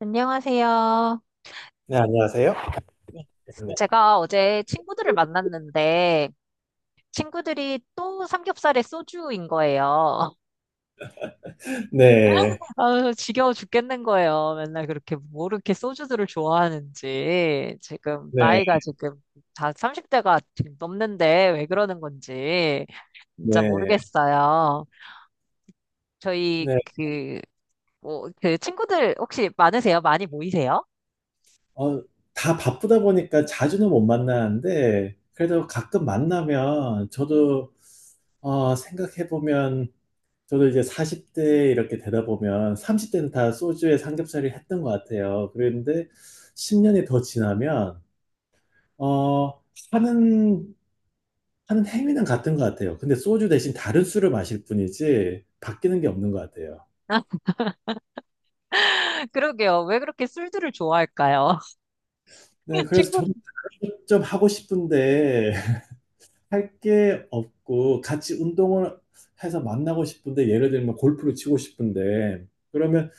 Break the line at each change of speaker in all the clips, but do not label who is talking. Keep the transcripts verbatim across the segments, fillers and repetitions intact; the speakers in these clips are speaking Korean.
안녕하세요.
네, 안녕하세요.
네.
네.
제가 어제 친구들을 만났는데 친구들이 또 삼겹살에 소주인 거예요.
네.
아, 지겨워 죽겠는 거예요. 맨날 그렇게 뭐 이렇게 소주들을 좋아하는지 지금
네.
나이가 지금 다 삼십 대가 지금 넘는데 왜 그러는 건지 진짜
네.
모르겠어요. 저희
네.
그 뭐, 그 친구들 혹시 많으세요? 많이 모이세요?
어 다 바쁘다 보니까 자주는 못 만나는데 그래도 가끔 만나면 저도 어 생각해 보면 저도 이제 사십 대 이렇게 되다 보면 삼십 대는 다 소주에 삼겹살이 했던 것 같아요. 그런데십 년이 더 지나면 어 하는 하는 행위는 같은 것 같아요. 근데 소주 대신 다른 술을 마실 뿐이지 바뀌는 게 없는 것 같아요.
그러게요. 왜 그렇게 술들을 좋아할까요?
네, 그래서
친구,
저도 좀 하고 싶은데 할 게 없고 같이 운동을 해서 만나고 싶은데 예를 들면 골프를 치고 싶은데 그러면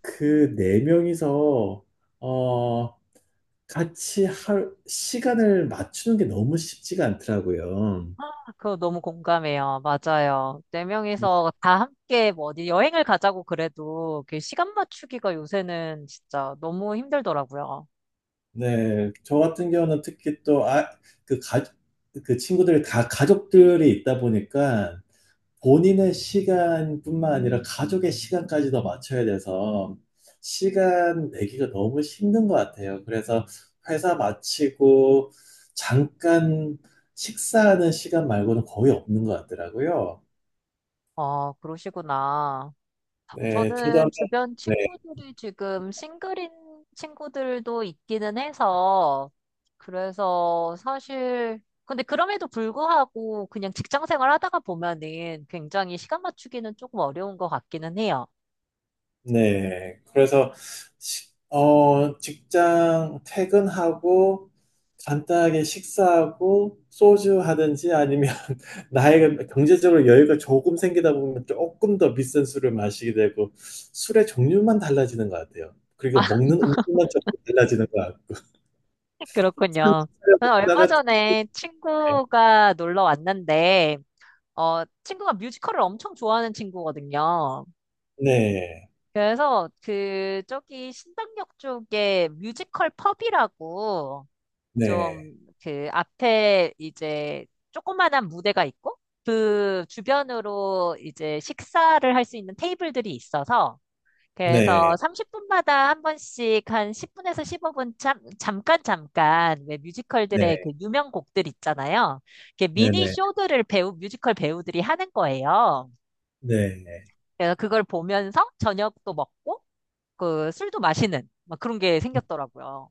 그 네 명이서 어 같이 할 시간을 맞추는 게 너무 쉽지가 않더라고요.
그거 너무 공감해요. 맞아요. 네 명이서 다 함께 뭐 어디 여행을 가자고 그래도 그 시간 맞추기가 요새는 진짜 너무 힘들더라고요.
네, 저 같은 경우는 특히 또 아, 그 가, 그 친구들이 다 가족들이 있다 보니까 본인의 시간뿐만 아니라 가족의 시간까지도 맞춰야 돼서 시간 내기가 너무 힘든 것 같아요. 그래서 회사 마치고 잠깐 식사하는 시간 말고는 거의 없는 것 같더라고요.
어, 그러시구나.
네, 저도 한
저는 주변 친구들이 지금 싱글인 친구들도 있기는 해서, 그래서 사실, 근데 그럼에도 불구하고 그냥 직장 생활 하다가 보면은 굉장히 시간 맞추기는 조금 어려운 것 같기는 해요.
네. 그래서, 식- 어, 직장 퇴근하고, 간단하게 식사하고, 소주 하든지 아니면, 나의 경제적으로 여유가 조금 생기다 보면 조금 더 비싼 술을 마시게 되고, 술의 종류만 달라지는 것 같아요. 그리고 먹는 음식만 조금 달라지는 것 같고, 한
그렇군요.
차려
저는 얼마
먹다가,
전에 친구가 놀러 왔는데, 어, 친구가 뮤지컬을 엄청 좋아하는 친구거든요.
네,
그래서 그, 저기 신당역 쪽에 뮤지컬 펍이라고,
네,
좀 그 앞에 이제 조그만한 무대가 있고 그 주변으로 이제 식사를 할 수 있는 테이블들이 있어서 그래서
네,
삼십 분마다 한 번씩 한 십 분에서 십오 분 참, 잠깐 잠깐 왜 뮤지컬들의 그
네,
유명 곡들 있잖아요. 이렇게 미니
네,
쇼들을 배우 뮤지컬 배우들이 하는 거예요.
네, 네.
그래서 그걸 보면서 저녁도 먹고 그 술도 마시는 막 그런 게 생겼더라고요.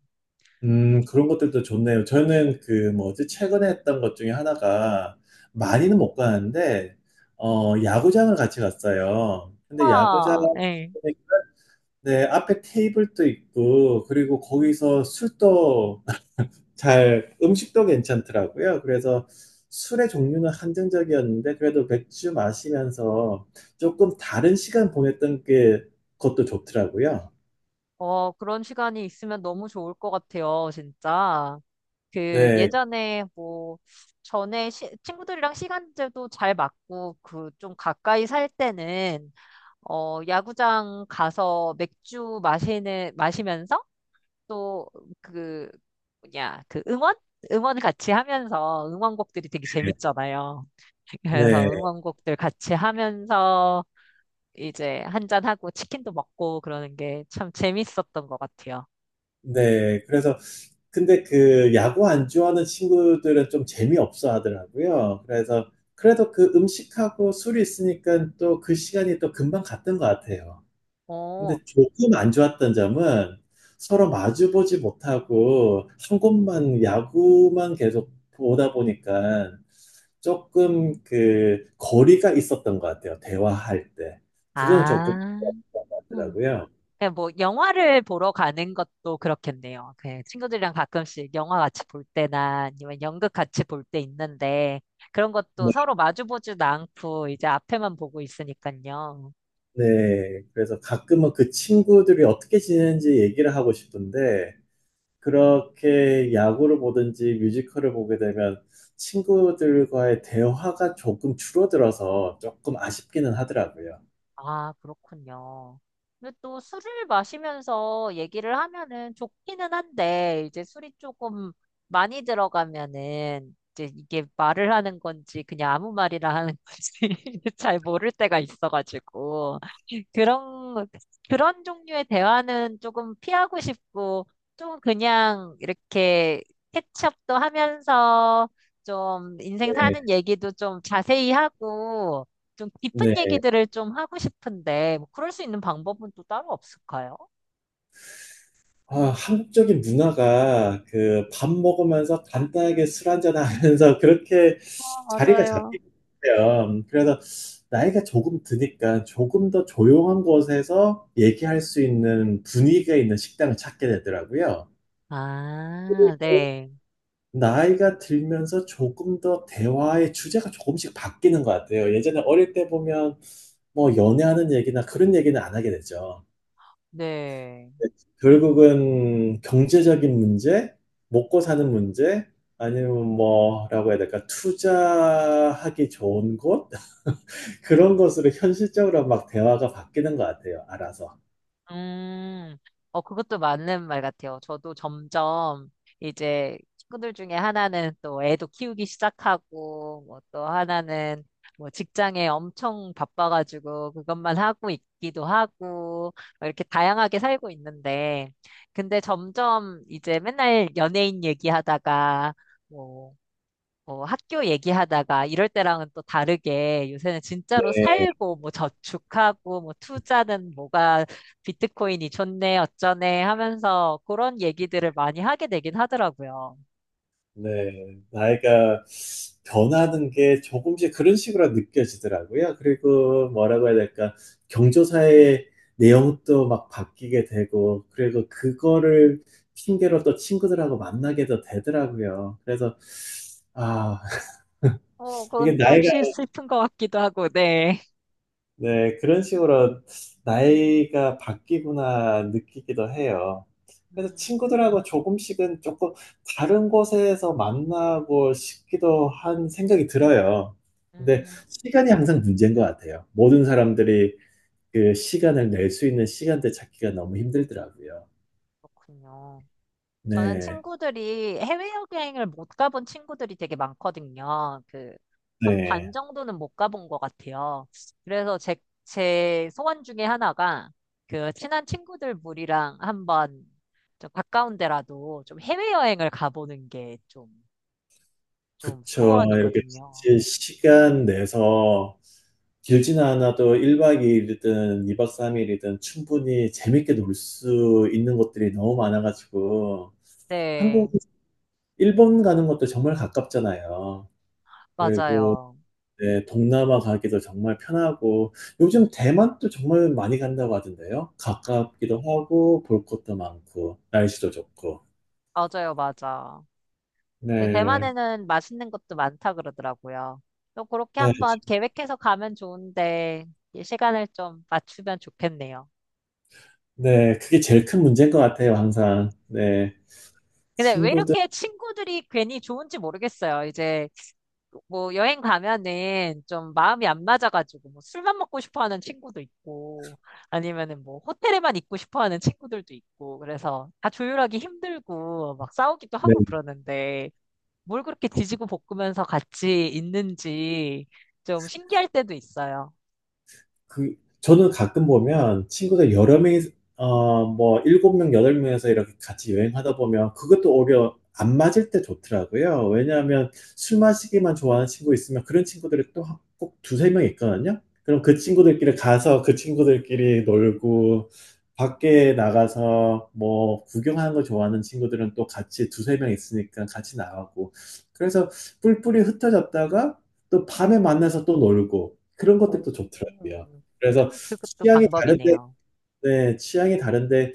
음, 그런 것들도 좋네요. 저는 그 뭐지, 최근에 했던 것 중에 하나가 많이는 못 가는데, 어, 야구장을 같이 갔어요. 근데 야구장,
와,
네, 앞에 테이블도 있고, 그리고 거기서 술도 잘, 음식도 괜찮더라고요. 그래서 술의 종류는 한정적이었는데, 그래도 맥주 마시면서 조금 다른 시간 보냈던 게, 그것도 좋더라고요.
어, 그런 시간이 있으면 너무 좋을 것 같아요, 진짜. 그
네,
예전에 뭐 전에 시- 친구들이랑 시간제도 잘 맞고 그 좀 가까이 살 때는 어, 야구장 가서 맥주 마시는 마시면서 또 그 뭐냐 그 응원 응원 같이 하면서 응원곡들이 되게 재밌잖아요.
네,
그래서 응원곡들 같이 하면서 이제 한 잔하고 치킨도 먹고 그러는 게 참 재밌었던 것 같아요.
네. 그래서 근데 그 야구 안 좋아하는 친구들은 좀 재미없어 하더라고요. 그래서 그래도 그 음식하고 술이 있으니까 또 그 시간이 또 금방 갔던 것 같아요.
어,
근데 조금 안 좋았던 점은 서로 마주보지 못하고 한 곳만 야구만 계속 보다 보니까 조금 그 거리가 있었던 것 같아요. 대화할 때. 그거는 조금
아,
그런 것
음.
같더라고요.
그냥 뭐 영화를 보러 가는 것도 그렇겠네요. 그 친구들이랑 가끔씩 영화 같이 볼 때나 아니면 연극 같이 볼 때 있는데 그런 것도 서로 마주 보지도 않고 이제 앞에만 보고 있으니까요.
네, 그래서 가끔은 그 친구들이 어떻게 지내는지 얘기를 하고 싶은데, 그렇게 야구를 보든지 뮤지컬을 보게 되면 친구들과의 대화가 조금 줄어들어서 조금 아쉽기는 하더라고요.
아, 그렇군요. 근데 또 술을 마시면서 얘기를 하면은 좋기는 한데, 이제 술이 조금 많이 들어가면은, 이제 이게 말을 하는 건지, 그냥 아무 말이나 하는 건지, 잘 모를 때가 있어가지고. 그런, 그런 종류의 대화는 조금 피하고 싶고, 좀 그냥 이렇게 캐치업도 하면서, 좀 인생 사는 얘기도 좀 자세히 하고, 좀 깊은
네.
얘기들을 좀 하고 싶은데, 뭐 그럴 수 있는 방법은 또 따로 없을까요?
아, 한국적인 문화가 그 밥 먹으면서 간단하게 술 한잔 하면서 그렇게
아,
자리가
맞아요.
잡히는 요 그래서 나이가 조금 드니까 조금 더 조용한 곳에서 얘기할 수 있는 분위기가 있는 식당을 찾게 되더라고요.
아, 네,
나이가 들면서 조금 더 대화의 주제가 조금씩 바뀌는 것 같아요. 예전에 어릴 때 보면 뭐 연애하는 얘기나 그런 얘기는 안 하게 되죠.
네.
네, 결국은 경제적인 문제, 먹고 사는 문제, 아니면 뭐라고 해야 될까, 투자하기 좋은 곳? 그런 것으로 현실적으로 막 대화가 바뀌는 것 같아요, 알아서.
음, 어, 그것도 맞는 말 같아요. 저도 점점 이제 친구들 중에 하나는 또 애도 키우기 시작하고, 뭐 또 하나는 뭐 직장에 엄청 바빠가지고 그것만 하고 있기도 하고, 뭐 이렇게 다양하게 살고 있는데, 근데 점점 이제 맨날 연예인 얘기하다가, 뭐 어, 학교 얘기하다가 이럴 때랑은 또 다르게 요새는 진짜로 살고 뭐 저축하고 뭐 투자는 뭐가 비트코인이 좋네 어쩌네 하면서 그런 얘기들을 많이 하게 되긴 하더라고요.
네, 나이가 변하는 게 조금씩 그런 식으로 느껴지더라고요. 그리고 뭐라고 해야 될까, 경조사의 내용도 막 바뀌게 되고, 그리고 그거를 핑계로 또 친구들하고 만나게도 되더라고요. 그래서, 아,
어,
이게
그건 좀
나이가
슬- 슬픈 것 같기도 하고, 네.
네, 그런 식으로 나이가 바뀌구나 느끼기도 해요. 그래서
음,
친구들하고 조금씩은 조금 다른 곳에서 만나고 싶기도 한 생각이 들어요. 근데
음,
시간이 항상 문제인 것 같아요. 모든 사람들이 그 시간을 낼 수 있는 시간대 찾기가 너무 힘들더라고요.
그렇군요. 저는
네,
친구들이 해외여행을 못 가본 친구들이 되게 많거든요. 그, 한
네,
반 정도는 못 가본 것 같아요. 그래서 제, 제 소원 중에 하나가 그 친한 친구들 무리랑 한번 좀 가까운 데라도 좀 해외여행을 가보는 게 좀, 좀
그쵸. 이렇게
소원이거든요.
같이 시간 내서 길지는 않아도 일 박 이 일이든 이 박 삼 일이든 충분히 재밌게 놀 수 있는 곳들이 너무 많아 가지고 한국
네,
일본 가는 것도 정말 가깝잖아요. 그리고
맞아요.
네 동남아 가기도 정말 편하고 요즘 대만도 정말 많이 간다고 하던데요. 가깝기도 하고 볼 것도 많고 날씨도 좋고.
맞아요, 맞아. 근데
네.
대만에는 맛있는 것도 많다 그러더라고요. 또 그렇게
네.
한번
좀
계획해서 가면 좋은데 이 시간을 좀 맞추면 좋겠네요.
네. 그게 제일 큰 문제인 것 같아요, 항상. 네.
근데 왜
친구들
이렇게 친구들이 괜히 좋은지 모르겠어요. 이제 뭐 여행 가면은 좀 마음이 안 맞아가지고 뭐 술만 먹고 싶어 하는 친구도 있고 아니면은 뭐 호텔에만 있고 싶어 하는 친구들도 있고 그래서 다 조율하기 힘들고 막 싸우기도 하고 그러는데 뭘 그렇게 뒤지고 볶으면서 같이 있는지 좀 신기할 때도 있어요.
그, 저는 가끔 보면 친구들 여러 명이, 어, 뭐, 일곱 명, 여덟 명에서 이렇게 같이 여행하다 보면 그것도 오히려 안 맞을 때 좋더라고요. 왜냐하면 술 마시기만 좋아하는 친구 있으면 그런 친구들이 또 한 꼭 두세 명 있거든요. 그럼 그 친구들끼리 가서 그 친구들끼리 놀고, 밖에 나가서 뭐 구경하는 거 좋아하는 친구들은 또 같이 두세 명 있으니까 같이 나가고. 그래서 뿔뿔이 흩어졌다가 또 밤에 만나서 또 놀고. 그런
오,
것들도 좋더라고요. 그래서
그것도
취향이 다른데,
방법이네요.
네, 취향이 다른데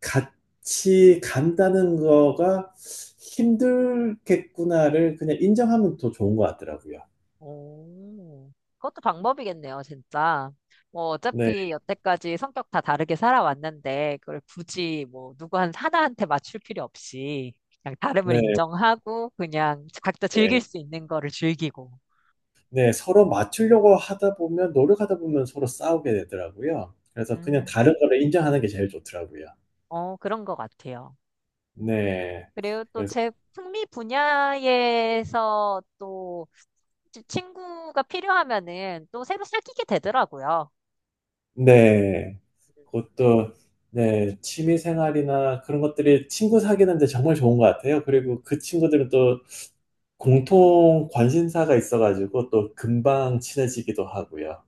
같이 간다는 거가 힘들겠구나를 그냥 인정하면 더 좋은 것 같더라고요.
오, 그것도 방법이겠네요, 진짜. 뭐,
네,
어차피 여태까지 성격 다 다르게 살아왔는데, 그걸 굳이 뭐, 누구 한, 하나한테 맞출 필요 없이, 그냥 다름을
네,
인정하고, 그냥 각자 즐길
네.
수 있는 거를 즐기고.
네, 서로 맞추려고 하다 보면, 노력하다 보면 서로 싸우게 되더라고요. 그래서 그냥
음,
다른 거를 인정하는 게 제일 좋더라고요.
어, 그런 것 같아요.
네.
그리고 또
그래서,
제 흥미 분야에서 또 지- 친구가 필요하면은 또 새로 사귀게 되더라고요.
네. 그것도, 네, 취미 생활이나 그런 것들이 친구 사귀는 데 정말 좋은 것 같아요. 그리고 그 친구들은 또 공통 관심사가 있어가지고 또 금방 친해지기도 하고요.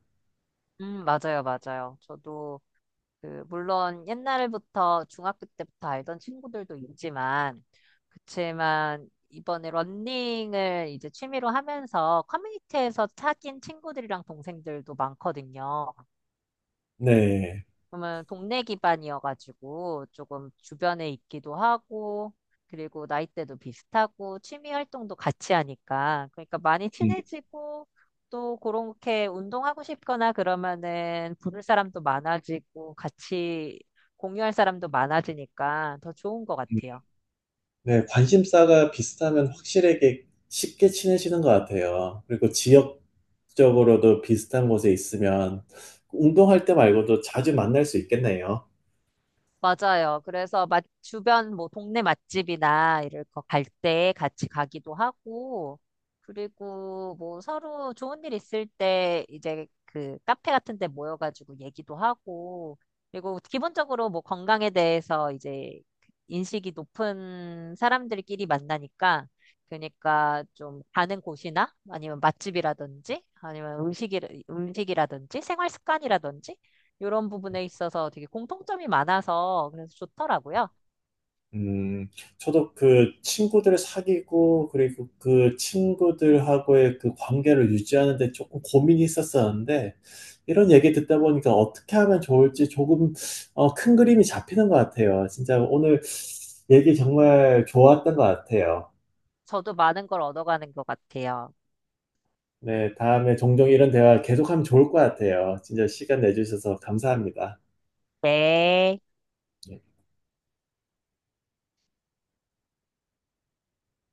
음, 맞아요, 맞아요. 저도 그 물론 옛날부터 중학교 때부터 알던 친구들도 있지만 그치만 이번에 러닝을 이제 취미로 하면서 커뮤니티에서 사귄 친구들이랑 동생들도 많거든요.
네.
그러면 동네 기반이어가지고 조금 주변에 있기도 하고, 그리고 나이대도 비슷하고, 취미 활동도 같이 하니까. 그러니까 많이
음,
친해지고, 또 그렇게 운동하고 싶거나 그러면은 부를 사람도 많아지고, 같이 공유할 사람도 많아지니까 더 좋은 것
음.
같아요.
네, 관심사가 비슷하면 확실하게 쉽게 친해지는 것 같아요. 그리고 지역적으로도 비슷한 곳에 있으면 운동할 때 말고도 자주 만날 수 있겠네요.
맞아요. 그래서 맛, 주변 뭐 동네 맛집이나 이럴 거 갈 때 같이 가기도 하고, 그리고 뭐 서로 좋은 일 있을 때 이제 그 카페 같은 데 모여가지고 얘기도 하고, 그리고 기본적으로 뭐 건강에 대해서 이제 인식이 높은 사람들끼리 만나니까, 그러니까 좀 가는 곳이나 아니면 맛집이라든지 아니면 음식이, 음식이라든지 생활 습관이라든지 이런 부분에 있어서 되게 공통점이 많아서 그래서 좋더라고요.
음, 저도 그 친구들을 사귀고, 그리고 그 친구들하고의 그 관계를 유지하는 데 조금 고민이 있었었는데, 이런 얘기 듣다 보니까 어떻게 하면 좋을지 조금, 어, 큰 그림이 잡히는 것 같아요. 진짜 오늘 얘기 정말 좋았던 것 같아요.
저도 많은 걸 얻어가는 것 같아요.
네, 다음에 종종 이런 대화 계속하면 좋을 것 같아요. 진짜 시간 내주셔서 감사합니다.
네.